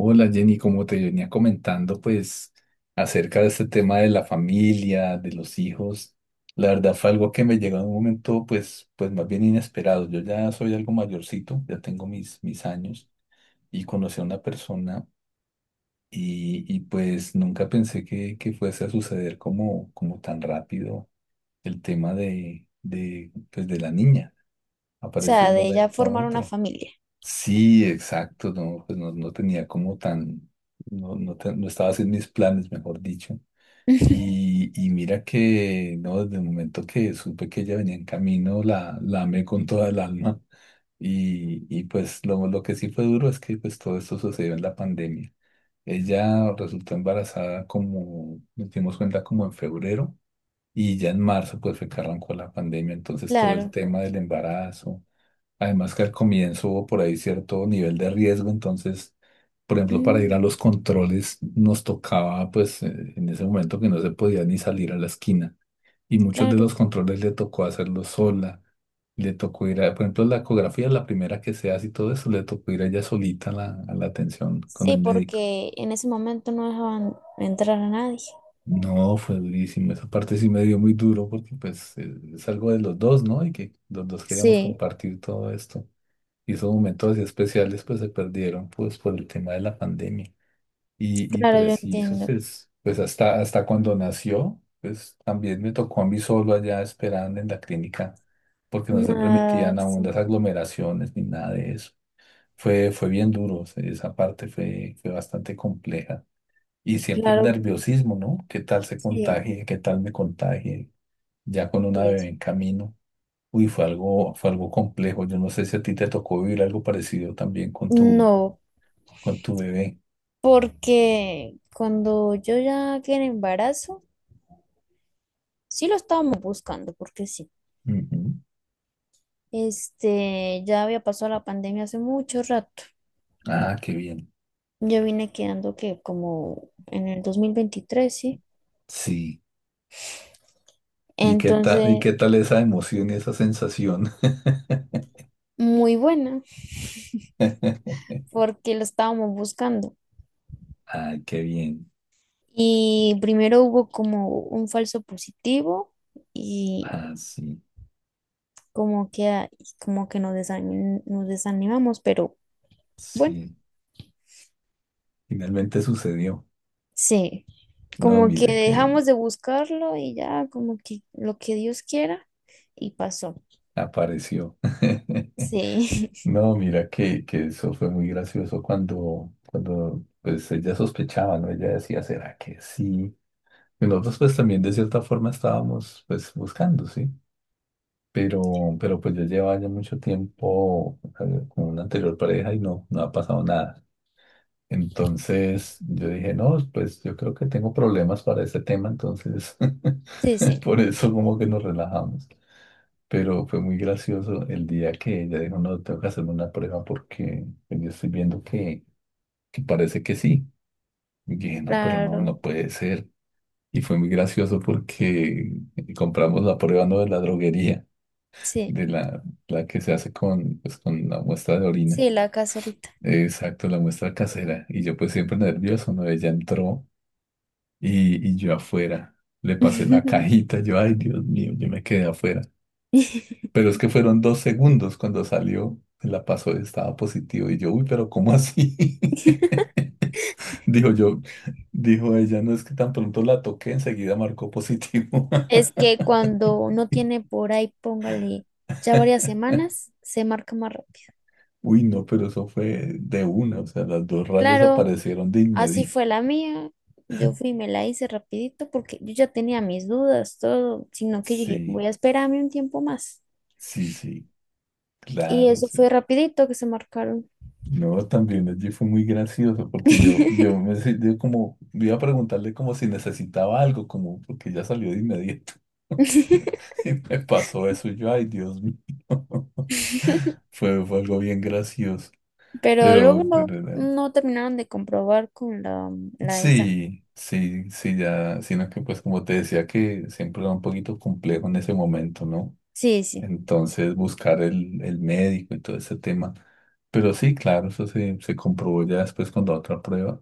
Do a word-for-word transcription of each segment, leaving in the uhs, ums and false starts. Hola Jenny, como te venía comentando, pues acerca de este tema de la familia, de los hijos, la verdad fue algo que me llegó en un momento pues, pues más bien inesperado. Yo ya soy algo mayorcito, ya tengo mis, mis años y conocí a una persona y, y, pues nunca pensé que, que fuese a suceder como, como tan rápido el tema de, de, pues, de la niña. O Apareció de sea, un de ya momento a formar una otro. familia. Sí, exacto, no, pues no, no tenía como tan. No, no, te- no estaba haciendo mis planes, mejor dicho. Y, y mira que, no, desde el momento que supe que ella venía en camino, la, la amé con toda el alma. Y, y pues lo, lo que sí fue duro es que pues todo esto sucedió en la pandemia. Ella resultó embarazada como, nos dimos cuenta como en febrero. Y ya en marzo, pues fue que arrancó la pandemia, entonces todo el Claro, tema del embarazo. Además que al comienzo hubo por ahí cierto nivel de riesgo, entonces, por ejemplo, para ir a mm, los controles nos tocaba, pues, eh, en ese momento que no se podía ni salir a la esquina. Y muchos de los claro. controles le tocó hacerlos sola. Le tocó ir a, por ejemplo, la ecografía, la primera que se hace y todo eso, le tocó ir a ella solita a la, a la atención con el Sí, médico. porque en ese momento no dejaban entrar a nadie. No, fue durísimo. Esa parte sí me dio muy duro porque pues eh, es algo de los dos, ¿no? Y que los dos queríamos Sí, compartir todo esto. Y esos momentos así especiales pues se perdieron pues por el tema de la pandemia. Y, y claro, yo preciso, entiendo. pues, pues hasta, hasta cuando nació, pues también me tocó a mí solo allá esperando en la clínica porque no se Nada, permitían aún las sí, aglomeraciones ni nada de eso. Fue, fue bien duro, o sea, esa parte fue, fue bastante compleja. Y siempre el claro, nerviosismo, ¿no? ¿Qué tal se sí, contagie? ¿Qué tal me contagie? Ya con una sí. bebé en camino. Uy, fue algo, fue algo complejo. Yo no sé si a ti te tocó vivir algo parecido también con tu, No, con tu bebé. porque cuando yo ya quedé en embarazo, sí lo estábamos buscando, porque sí. Ujú. Este, ya había pasado la pandemia hace mucho rato. Ah, qué bien. Yo vine quedando que como en el dos mil veintitrés, sí. Sí. ¿Y qué tal, y Entonces, qué tal esa emoción y esa sensación? muy buena, porque lo estábamos buscando. Ay, qué bien. Y primero hubo como un falso positivo y Ah, sí, como que, a- y como que nos desanim- nos desanimamos, pero bueno, sí. Finalmente sucedió. sí, No, como que mira que dejamos de buscarlo y ya como que lo que Dios quiera y pasó. apareció. Sí, No, mira que, que eso fue muy gracioso cuando, cuando pues ella sospechaba, ¿no? Ella decía, ¿será que sí? Y nosotros pues también de cierta forma estábamos pues buscando, ¿sí? Pero, pero pues yo llevaba ya mucho tiempo eh, con una anterior pareja y no, no ha pasado nada. Entonces yo dije, no, pues yo creo que tengo problemas para ese tema, entonces sí, sí, por eso como que nos relajamos. Pero fue muy gracioso el día que ella dijo, no, tengo que hacerme una prueba porque pues, yo estoy viendo que, que parece que sí. Y dije, no, pero no, claro, no puede ser. Y fue muy gracioso porque compramos la prueba no de la droguería, sí, de la, la que se hace con, pues, con la muestra de orina. sí, la caserita. Exacto, la muestra casera. Y yo pues siempre nervioso, ¿no? Ella entró y, y yo afuera. Le pasé la cajita, yo, ay, Dios mío, yo me quedé afuera. Pero es que fueron dos segundos cuando salió, la pasó y estaba positivo. Y yo, uy, pero ¿cómo así? Dijo yo, dijo ella, no es que tan pronto la toqué, enseguida marcó positivo. Es que cuando no tiene por ahí, póngale ya varias semanas, se marca más rápido. Uy, no, pero eso fue de una, o sea, las dos rayas Claro, aparecieron de así inmediato. fue la mía. Yo fui y me la hice rapidito porque yo ya tenía mis dudas, todo, sino que yo dije, voy Sí, a esperarme un tiempo más. sí, sí, Y claro, eso fue sí. rapidito que se marcaron. No, también allí fue muy gracioso porque yo, yo me se- yo como iba a preguntarle como si necesitaba algo, como porque ya salió de inmediato. Y me pasó eso, y yo, ay, Dios mío. Fue, fue algo bien gracioso. Pero luego Pero, no, pero, eh, no terminaron de comprobar con la, la de esa. sí, sí, sí, ya, sino que pues como te decía que siempre era un poquito complejo en ese momento, ¿no? Sí, sí. Entonces buscar el, el médico y todo ese tema. Pero sí, claro, eso se, se comprobó ya después con la otra prueba.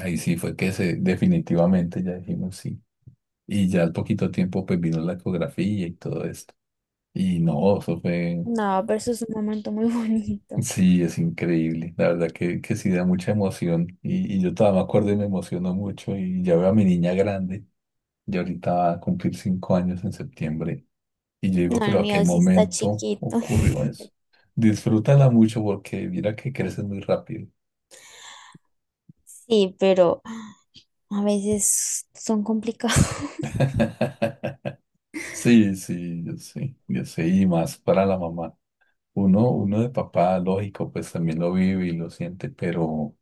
Ahí sí fue que se, definitivamente ya dijimos sí. Y ya al poquito tiempo pues vino la ecografía y todo esto. Y no, eso fue, No, pero eso es un momento muy bonito. sí, es increíble. La verdad que, que sí da mucha emoción. Y, y yo todavía me acuerdo y me emociono mucho. Y ya veo a mi niña grande, ya ahorita va a cumplir cinco años en septiembre. Y yo digo, No, el pero ¿a qué mío sí está momento chiquito. ocurrió eso? Disfrútala mucho porque mira que creces muy rápido. Sí, pero a veces son complicados. Sí, sí, yo sé, yo sé, y más para la mamá. Uno, uno de papá, lógico, pues también lo vive y lo siente, pero,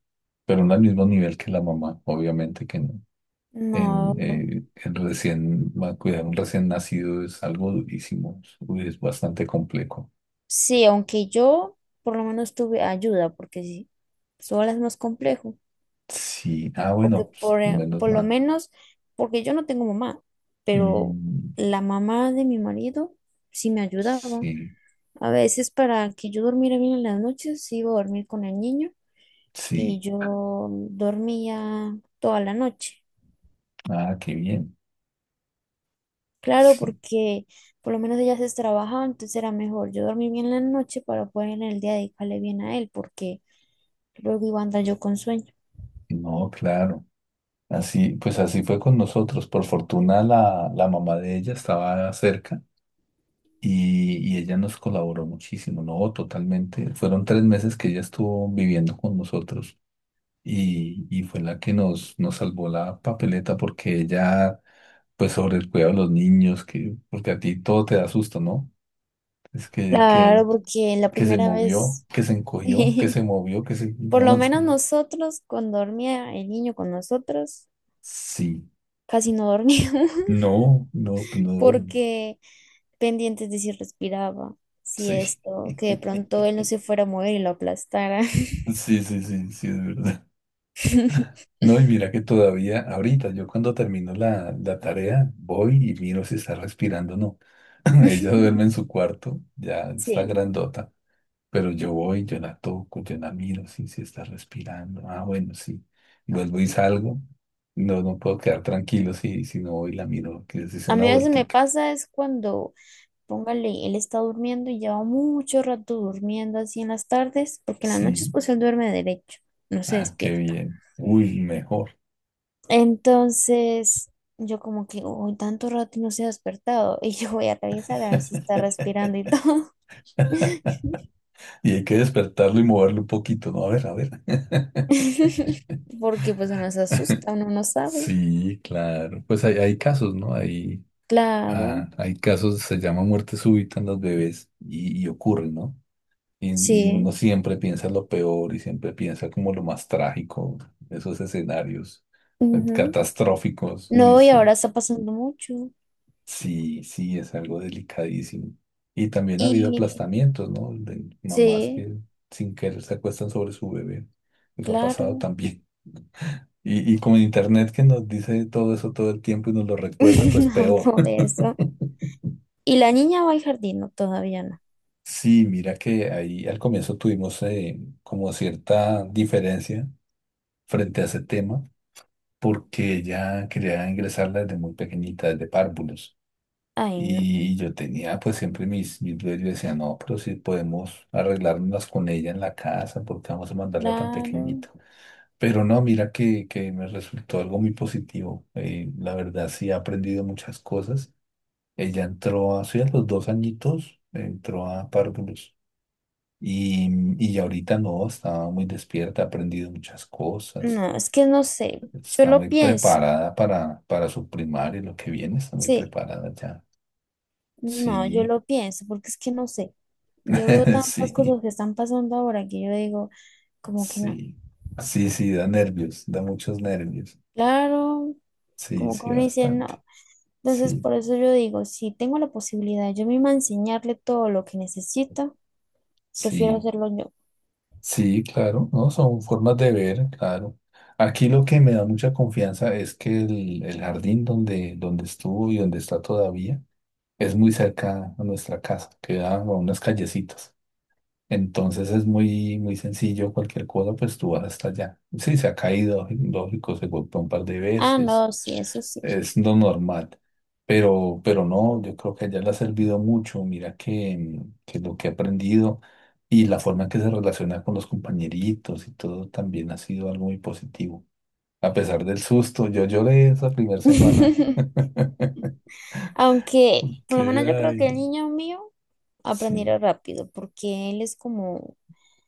pero no al mismo nivel que la mamá, obviamente que no. En, No, eh, en recién, va- Cuidar un recién nacido es algo durísimo, uy, es bastante complejo. sí, aunque yo por lo menos tuve ayuda, porque sí, sola es más complejo, Sí, ah, porque bueno, pues, por, eh, menos por lo mal. menos, porque yo no tengo mamá, pero Mm, la mamá de mi marido sí me ayudaba. sí, A veces para que yo durmiera bien en las noches, iba a dormir con el niño y sí, yo dormía toda la noche. ah, qué bien, Claro, sí, porque por lo menos ella se trabajaba, entonces era mejor yo dormí bien la noche para poder en el día dedicarle bien a él, porque luego iba a andar yo con sueño. no, claro. Así, pues así fue con nosotros. Por fortuna la, la mamá de ella estaba cerca. y, y ella nos colaboró muchísimo, no, totalmente. Fueron tres meses que ella estuvo viviendo con nosotros y, y fue la que nos, nos salvó la papeleta porque ella, pues sobre el cuidado de los niños, que, porque a ti todo te da susto, ¿no? Es que, Claro, que, porque la que se primera movió, vez, que se encogió, que se sí, movió, que se... por No, lo en menos serio. nosotros, cuando dormía el niño con nosotros, Sí. casi no dormíamos, No, no, tú no duermes. porque pendientes de si respiraba, si Sí. esto, que de pronto él no se fuera a mover y lo aplastara. Sí, sí, sí, sí, es verdad. No, y mira que todavía, ahorita, yo cuando termino la, la tarea, voy y miro si está respirando o no. Ella duerme en su cuarto, ya está Sí, grandota, pero yo voy, yo la toco, yo la miro, sí, sí está respirando. Ah, bueno, sí. Vuelvo y salgo. No, no puedo quedar tranquilo si, si no voy y la miro, que se sea a una mí a veces me vueltica. pasa es cuando póngale, él está durmiendo y lleva mucho rato durmiendo así en las tardes, porque en las noches Sí, pues él duerme derecho, no se ah, qué despierta. bien. Uy, mejor. Entonces yo como que, uy, tanto rato y no se ha despertado y yo voy a revisar a ver si está respirando y todo, Y hay que despertarlo y moverlo un poquito, ¿no? A ver, a ver. porque pues uno se asusta, uno no sabe. Sí, claro. Pues hay, hay casos, ¿no? Hay Claro, Ah, hay casos, se llama muerte súbita en los bebés y, y ocurre, ¿no? Y, y sí. uno siempre piensa lo peor y siempre piensa como lo más trágico, esos escenarios eh, Ujú. catastróficos. Uy, No, y sí, ahora está pasando mucho. sí, sí, es algo delicadísimo. Y también ha habido Y aplastamientos, ¿no? De mamás sí, que sin querer se acuestan sobre su bebé. Eso ha pasado claro, también. Y, y como en internet que nos dice todo eso todo el tiempo y nos lo recuerda, pues peor. por eso. Y la niña va al jardín, no, todavía no. Sí, mira que ahí al comienzo tuvimos eh, como cierta diferencia frente a ese tema, porque ella quería ingresarla desde muy pequeñita, desde párvulos. Ay, no, Y yo tenía pues siempre mis, mis dudas, yo decía, no, pero si podemos arreglárnoslas con ella en la casa, ¿porque vamos a mandarla tan claro. pequeñita? Pero no, mira que, que me resultó algo muy positivo. eh, la verdad sí ha aprendido muchas cosas. Ella entró, así a los dos añitos, entró a párvulos. Y, y ahorita no, está muy despierta, ha aprendido muchas cosas, No, es que no sé. Yo está muy lo pienso. preparada para, para su primaria, lo que viene, está muy Sí, preparada ya. no, yo Sí, lo pienso porque es que no sé. Yo veo tantas sí, cosas que están pasando ahora que yo digo, como que no. sí, sí, sí, da nervios, da muchos nervios. Claro, Sí, como que sí, uno dice bastante. no. Entonces, Sí, por eso yo digo, si tengo la posibilidad yo misma de enseñarle todo lo que necesita, prefiero sí, hacerlo yo. sí, claro, no, son formas de ver, claro. Aquí lo que me da mucha confianza es que el, el jardín donde, donde estuvo y donde está todavía, es muy cerca a nuestra casa, queda a unas callecitas. Entonces es muy, muy sencillo, cualquier cosa, pues tú vas hasta allá. Sí, se ha caído, lógico, se golpeó un par de Ah, veces, no, sí, eso sí. es lo normal. Pero, pero no, yo creo que a le ha servido mucho. Mira que, mm, que lo que ha aprendido y la forma en que se relaciona con los compañeritos y todo también ha sido algo muy positivo. A pesar del susto, yo lloré esa primera semana. Aunque, por Que, lo menos yo creo Ay, que el niño mío aprenderá sí, rápido porque él es como,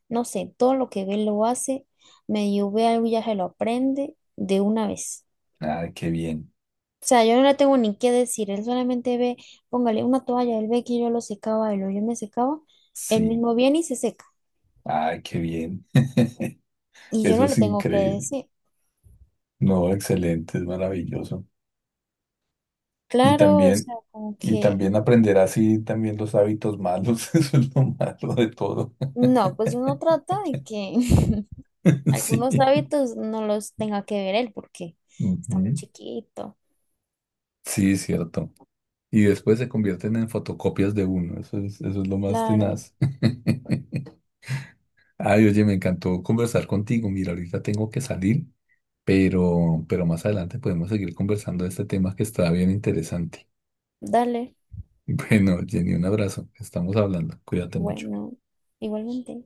no sé, todo lo que ve lo hace, medio ve algo y ya se lo aprende de una vez. ay, qué bien, O sea, yo no le tengo ni qué decir, él solamente ve, póngale una toalla, él ve que yo lo secaba, él o yo me secaba, él sí. mismo viene y se seca. Ay, qué bien. Y yo Eso no le es tengo que increíble. decir. No, excelente, es maravilloso. Y Claro, o también, sea, como y que también aprender así también los hábitos malos. Eso es lo malo de todo. no, pues uno trata de que algunos Sí. hábitos no los tenga que ver él porque está muy Ujú. chiquito. Sí, cierto. Y después se convierten en fotocopias de uno. Eso es, eso es lo más Claro, tenaz. Ay, oye, me encantó conversar contigo. Mira, ahorita tengo que salir, pero, pero, más adelante podemos seguir conversando de este tema que está bien interesante. dale, Bueno, Jenny, un abrazo. Estamos hablando. Cuídate mucho. bueno, igualmente.